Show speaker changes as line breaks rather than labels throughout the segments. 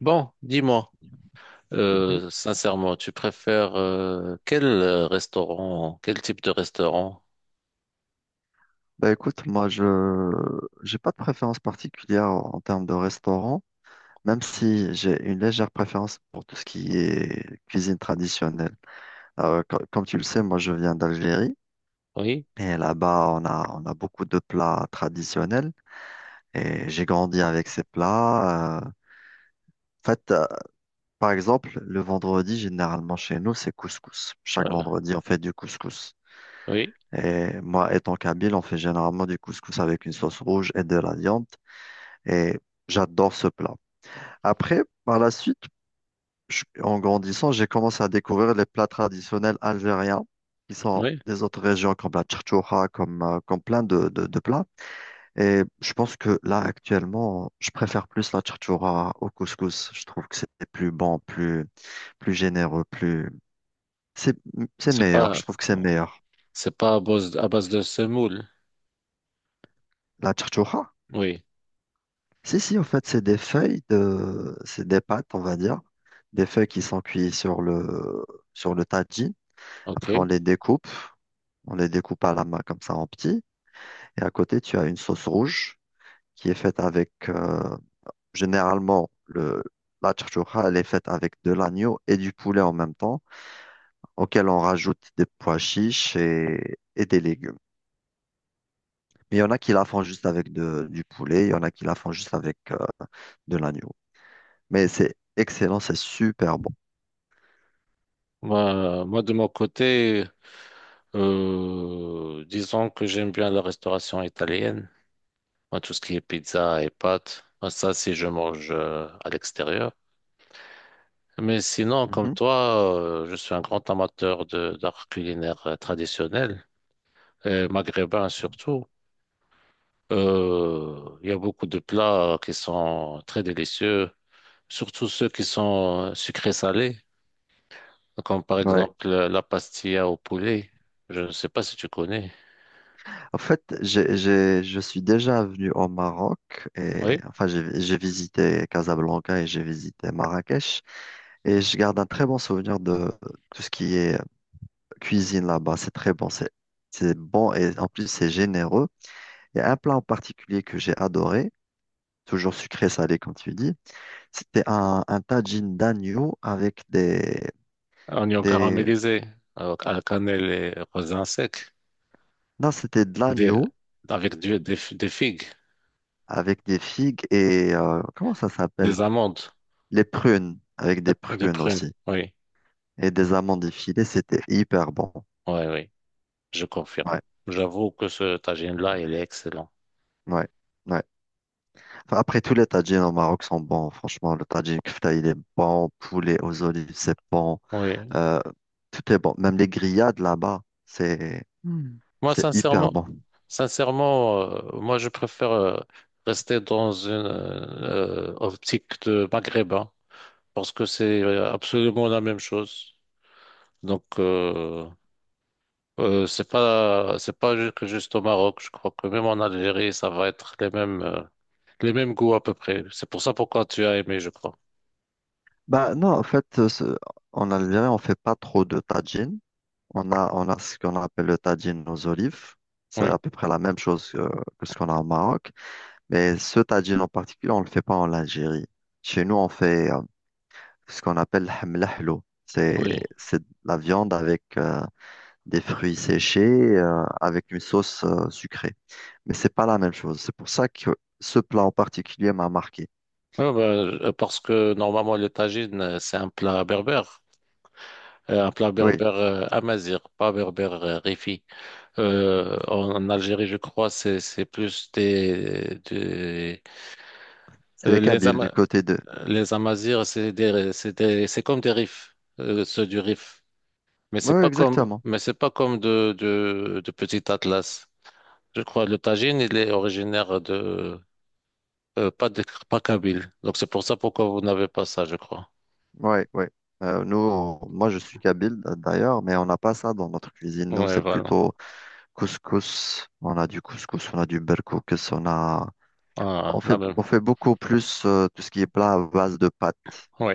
Bon, dis-moi,
Mhm.
sincèrement, tu préfères quel restaurant, quel type de restaurant?
Bah écoute, moi je j'ai pas de préférence particulière en termes de restaurant, même si j'ai une légère préférence pour tout ce qui est cuisine traditionnelle. Comme tu le sais, moi je viens d'Algérie,
Oui,
et là-bas on a beaucoup de plats traditionnels et j'ai grandi avec ces plats. En fait, par exemple, le vendredi généralement chez nous c'est couscous. Chaque
voilà.
vendredi on fait du couscous.
Oui,
Et moi, étant kabyle, on fait généralement du couscous avec une sauce rouge et de la viande. Et j'adore ce plat. Après, par la suite, en grandissant, j'ai commencé à découvrir les plats traditionnels algériens qui sont
oui.
des autres régions comme la charchoura, comme, comme plein de, de plats. Et je pense que là, actuellement, je préfère plus la charchoura au couscous. Je trouve que c'est plus bon, plus, plus généreux, plus... C'est, c'est
C'est
meilleur.
pas,
Je trouve que c'est meilleur.
c'est pas à base, à base de semoule.
La charchoura?
Oui,
Si, si, en fait, c'est des feuilles de, c'est des pâtes, on va dire, des feuilles qui sont cuites sur le tajine. Après,
ok.
on les découpe à la main comme ça en petits. Et à côté, tu as une sauce rouge qui est faite avec, généralement, le, la chouchoura, elle est faite avec de l'agneau et du poulet en même temps, auquel on rajoute des pois chiches et des légumes. Mais il y en a qui la font juste avec du poulet, il y en a qui la font juste avec, de l'agneau. Mais c'est excellent, c'est super bon.
Moi, de mon côté, disons que j'aime bien la restauration italienne. Moi, tout ce qui est pizza et pâtes, moi, ça, si je mange à l'extérieur. Mais sinon, comme
Mhm.
toi, je suis un grand amateur de d'art culinaire traditionnel. Maghrébins surtout. Il y a beaucoup de plats qui sont très délicieux, surtout ceux qui sont sucrés salés, comme par
Ouais.
exemple la pastilla au poulet. Je ne sais pas si tu connais.
En fait, j'ai, je suis déjà venu au Maroc, et
Oui,
enfin j'ai visité Casablanca et j'ai visité Marrakech, et je garde un très bon souvenir de tout ce qui est cuisine là-bas. C'est très bon, c'est bon et en plus c'est généreux. Il y a un plat en particulier que j'ai adoré, toujours sucré salé comme tu dis. C'était un tagine d'agneau avec
oignons
des
caramélisés à la cannelle et raisin sec,
non c'était de
des,
l'agneau
avec des figues,
avec des figues et comment ça s'appelle?
des amandes,
Les prunes, avec des
des
prunes
prunes.
aussi.
Oui,
Et des amandes effilées, c'était hyper bon.
oui, je confirme.
Ouais,
J'avoue que ce tagine-là, il est excellent.
ouais, ouais. Enfin, après, tous les tagines au Maroc sont bons. Franchement, le tagine kefta, il est bon. Poulet aux olives, c'est bon.
Oui.
Euh, Tout est bon. Même les grillades là-bas, c'est Hmm.
Moi,
C'est hyper
sincèrement,
bon.
sincèrement, moi, je préfère rester dans une optique de maghrébin parce que c'est absolument la même chose. Donc, c'est pas ju- que juste au Maroc. Je crois que même en Algérie, ça va être les mêmes goûts à peu près. C'est pour ça pourquoi tu as aimé, je crois.
Bah non, en fait, en Algérie, on fait pas trop de tagine. On a ce qu'on appelle le tagine aux olives. C'est
Oui,
à peu près la même chose que ce qu'on a au Maroc. Mais ce tagine en particulier, on ne le fait pas en Algérie. Chez nous, on fait ce qu'on appelle le hamlahlo.
oui.
C'est de la viande avec des fruits séchés, avec une sauce sucrée. Mais c'est pas la même chose. C'est pour ça que ce plat en particulier m'a marqué.
Ouais, ben, parce que normalement, le tagines, c'est un plat berbère. Un plat
Oui,
berbère amazigh, pas berbère rifi. En Algérie, je crois, c'est plus des,
c'est les
les
Kabyles du côté de...
Les Amazirs, c'est comme des Rifs, ceux du Rif. Mais
Oui,
c'est
oui,
pas comme
exactement.
mais c'est pas comme de Petit Atlas. Je crois le Tagine, il est originaire de euh, pas de pas Kabyle. Donc c'est pour ça pourquoi vous n'avez pas ça, je crois.
Oui, oui. Nous, moi, je suis Kabyle d'ailleurs, mais on n'a pas ça dans notre cuisine. Nous,
Ouais,
c'est
voilà.
plutôt couscous. On a du couscous, on a du berkoukes, on a...
Ah, la même.
on fait beaucoup plus tout ce qui est plat à base de pâtes.
Oui,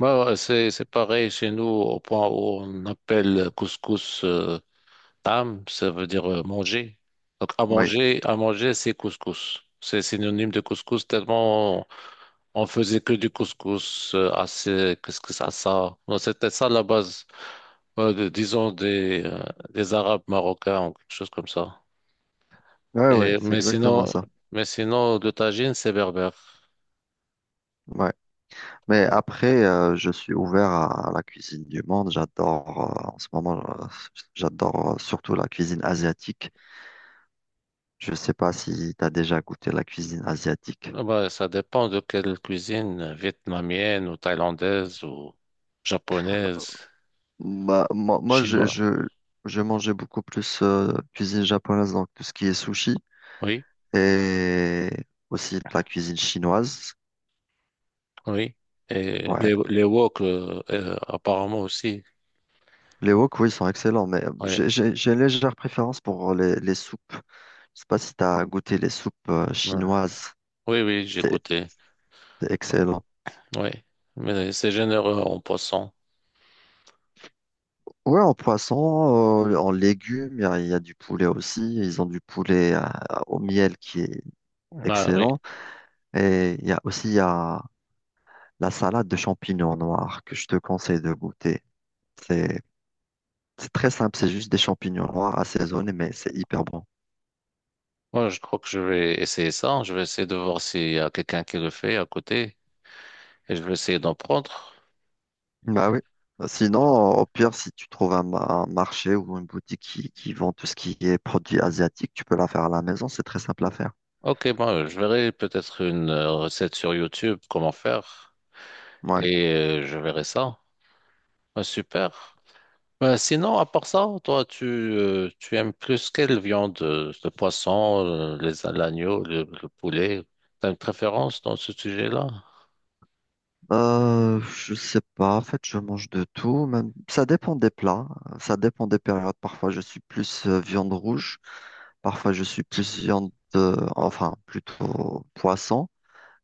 bah, ouais, c'est pareil chez nous au point où on appelle couscous Tam, ça veut dire manger. Donc,
Oui,
à manger, c'est couscous. C'est synonyme de couscous tellement on faisait que du couscous assez, qu'est-ce que ça, ça. Non, c'était ça la base, disons, des Arabes marocains ou quelque chose comme ça.
ouais, ouais,
Et,
c'est exactement ça.
mais sinon, de tagine, c'est berbère.
Ouais. Mais après, je suis ouvert à la cuisine du monde. J'adore, en ce moment, j'adore surtout la cuisine asiatique. Je ne sais pas si tu as déjà goûté la cuisine asiatique.
Ah bah, ça dépend de quelle cuisine, vietnamienne ou thaïlandaise ou japonaise,
Bah, moi, moi,
chinoise.
je mangeais beaucoup plus cuisine japonaise, donc tout ce qui est sushi
Oui.
et aussi de la cuisine chinoise.
Oui. Et
Ouais,
les wok, apparemment aussi.
les wok, oui, sont excellents, mais
Oui,
j'ai une légère préférence pour les soupes. Je sais pas si tu as goûté les soupes
ouais.
chinoises.
Oui, oui, j'ai
C'est
goûté.
c'est excellent.
Oui, mais c'est généreux en poisson.
Ouais, en poisson, en légumes, il y a du poulet aussi. Ils ont du poulet au miel qui est
Ah, oui.
excellent. Et il y a aussi il y a la salade de champignons noirs que je te conseille de goûter. C'est c'est très simple, c'est juste des champignons noirs assaisonnés, mais c'est hyper bon.
Moi, je crois que je vais essayer ça. Je vais essayer de voir s'il y a quelqu'un qui le fait à côté et je vais essayer d'en prendre.
Bah oui. Bah, sinon, au pire, si tu trouves un, un marché ou une boutique qui vend tout ce qui est produit asiatique, tu peux la faire à la maison, c'est très simple à faire.
Ok, bon, je verrai peut-être une recette sur YouTube, comment faire,
Ouais.
et je verrai ça. Ah, super. Sinon, à part ça, toi, tu, tu aimes plus quelle viande? Le poisson, les, l'agneau, le poulet? T'as une préférence dans ce sujet-là?
Je sais pas, en fait, je mange de tout, même ça dépend des plats, ça dépend des périodes. Parfois, je suis plus viande rouge, parfois je suis plus viande enfin, plutôt poisson,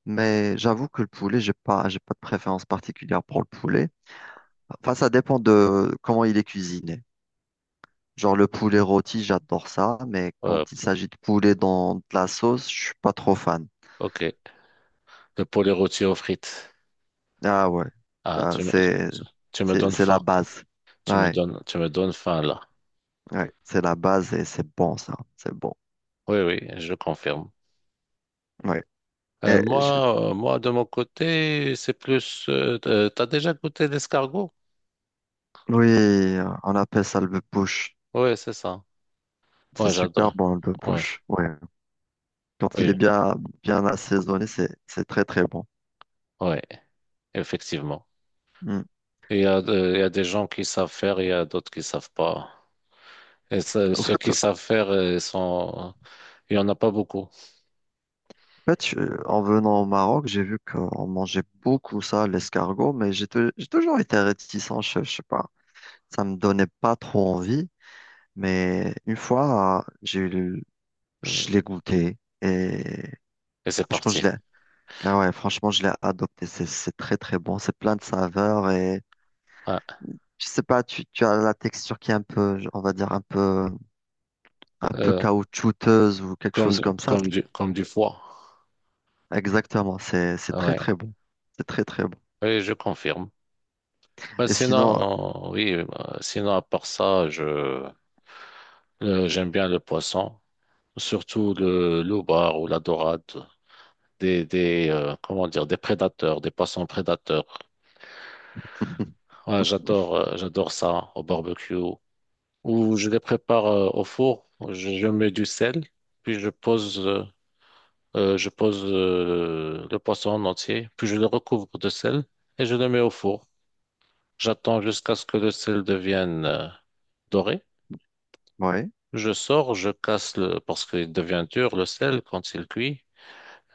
mais j'avoue que le poulet, j'ai pas de préférence particulière pour le poulet. Enfin, ça dépend de comment il est cuisiné. Genre le poulet rôti, j'adore ça, mais
Euh,
quand il s'agit de poulet dans de la sauce, je suis pas trop fan.
ok. Le poulet rôti aux frites.
Ah ouais,
Ah,
ah,
tu me donnes
c'est la
faim.
base. Ouais,
Tu me donnes faim là.
ouais, c'est la base et c'est bon ça, c'est bon.
Oui, oui, je confirme.
Ouais. Et je-
Moi, de mon côté, c'est plus. T'as déjà goûté l'escargot?
Oui, on appelle ça le push.
Oui, c'est ça.
C'est
Moi,
super
j'adore.
bon le
Oui,
push. Ouais. Quand il
oui,
est bien bien assaisonné, c'est très très bon.
oui, effectivement.
Mm.
Il y a des gens qui savent faire, il y a d'autres qui savent pas. Et
Au
ceux
fait,
qui
en
savent faire, il y en a pas beaucoup.
fait, en venant au Maroc, j'ai vu qu'on mangeait beaucoup ça, l'escargot, mais j'ai toujours été réticent, je sais pas. Ça me donnait pas trop envie, mais une fois, je l'ai goûté et
Et c'est
franchement, je
parti.
l'ai, ah ouais, franchement, je l'ai adopté. C'est très, très bon. C'est plein de saveurs et
Ouais.
je sais pas, tu as la texture qui est un peu, on va dire, un peu
Euh,
caoutchouteuse ou quelque
Comme,
chose comme ça.
comme du foie.
Exactement. C'est très,
Ouais.
très bon. C'est très, très bon.
Oui, je confirme. Bah,
Et sinon,
sinon, oui, bah, sinon, à part ça, je, j'aime bien le poisson. Surtout le loubar ou la dorade. Des, comment dire, des prédateurs, des poissons prédateurs. Ouais, j'adore, j'adore ça au barbecue, ou je les prépare au four. Je mets du sel, puis je pose le poisson en entier, puis je le recouvre de sel et je le mets au four. J'attends jusqu'à ce que le sel devienne doré.
ouais,
Je sors, je casse le, parce qu'il devient dur, le sel, quand il cuit.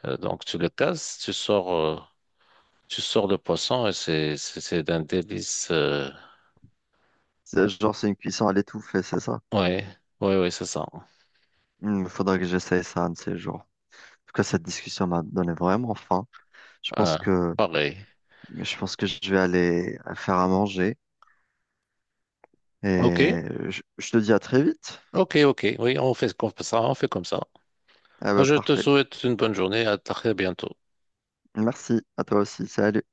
Donc tu le casses, tu sors le poisson et c'est d'un délice.
c'est genre, c'est une cuisson à l'étouffée, c'est ça?
Ouais, ouais, c'est ça.
Il faudrait que j'essaye ça un de ces jours. En tout cas, cette discussion m'a donné vraiment faim. Je pense
Ah,
que
pareil.
je pense que je vais aller faire à manger
Ok,
et je te dis à très vite.
ok. Oui, on fait comme ça, on fait comme ça.
Ah bah
Je te
parfait.
souhaite une bonne journée, à très bientôt.
Merci à toi aussi. Salut.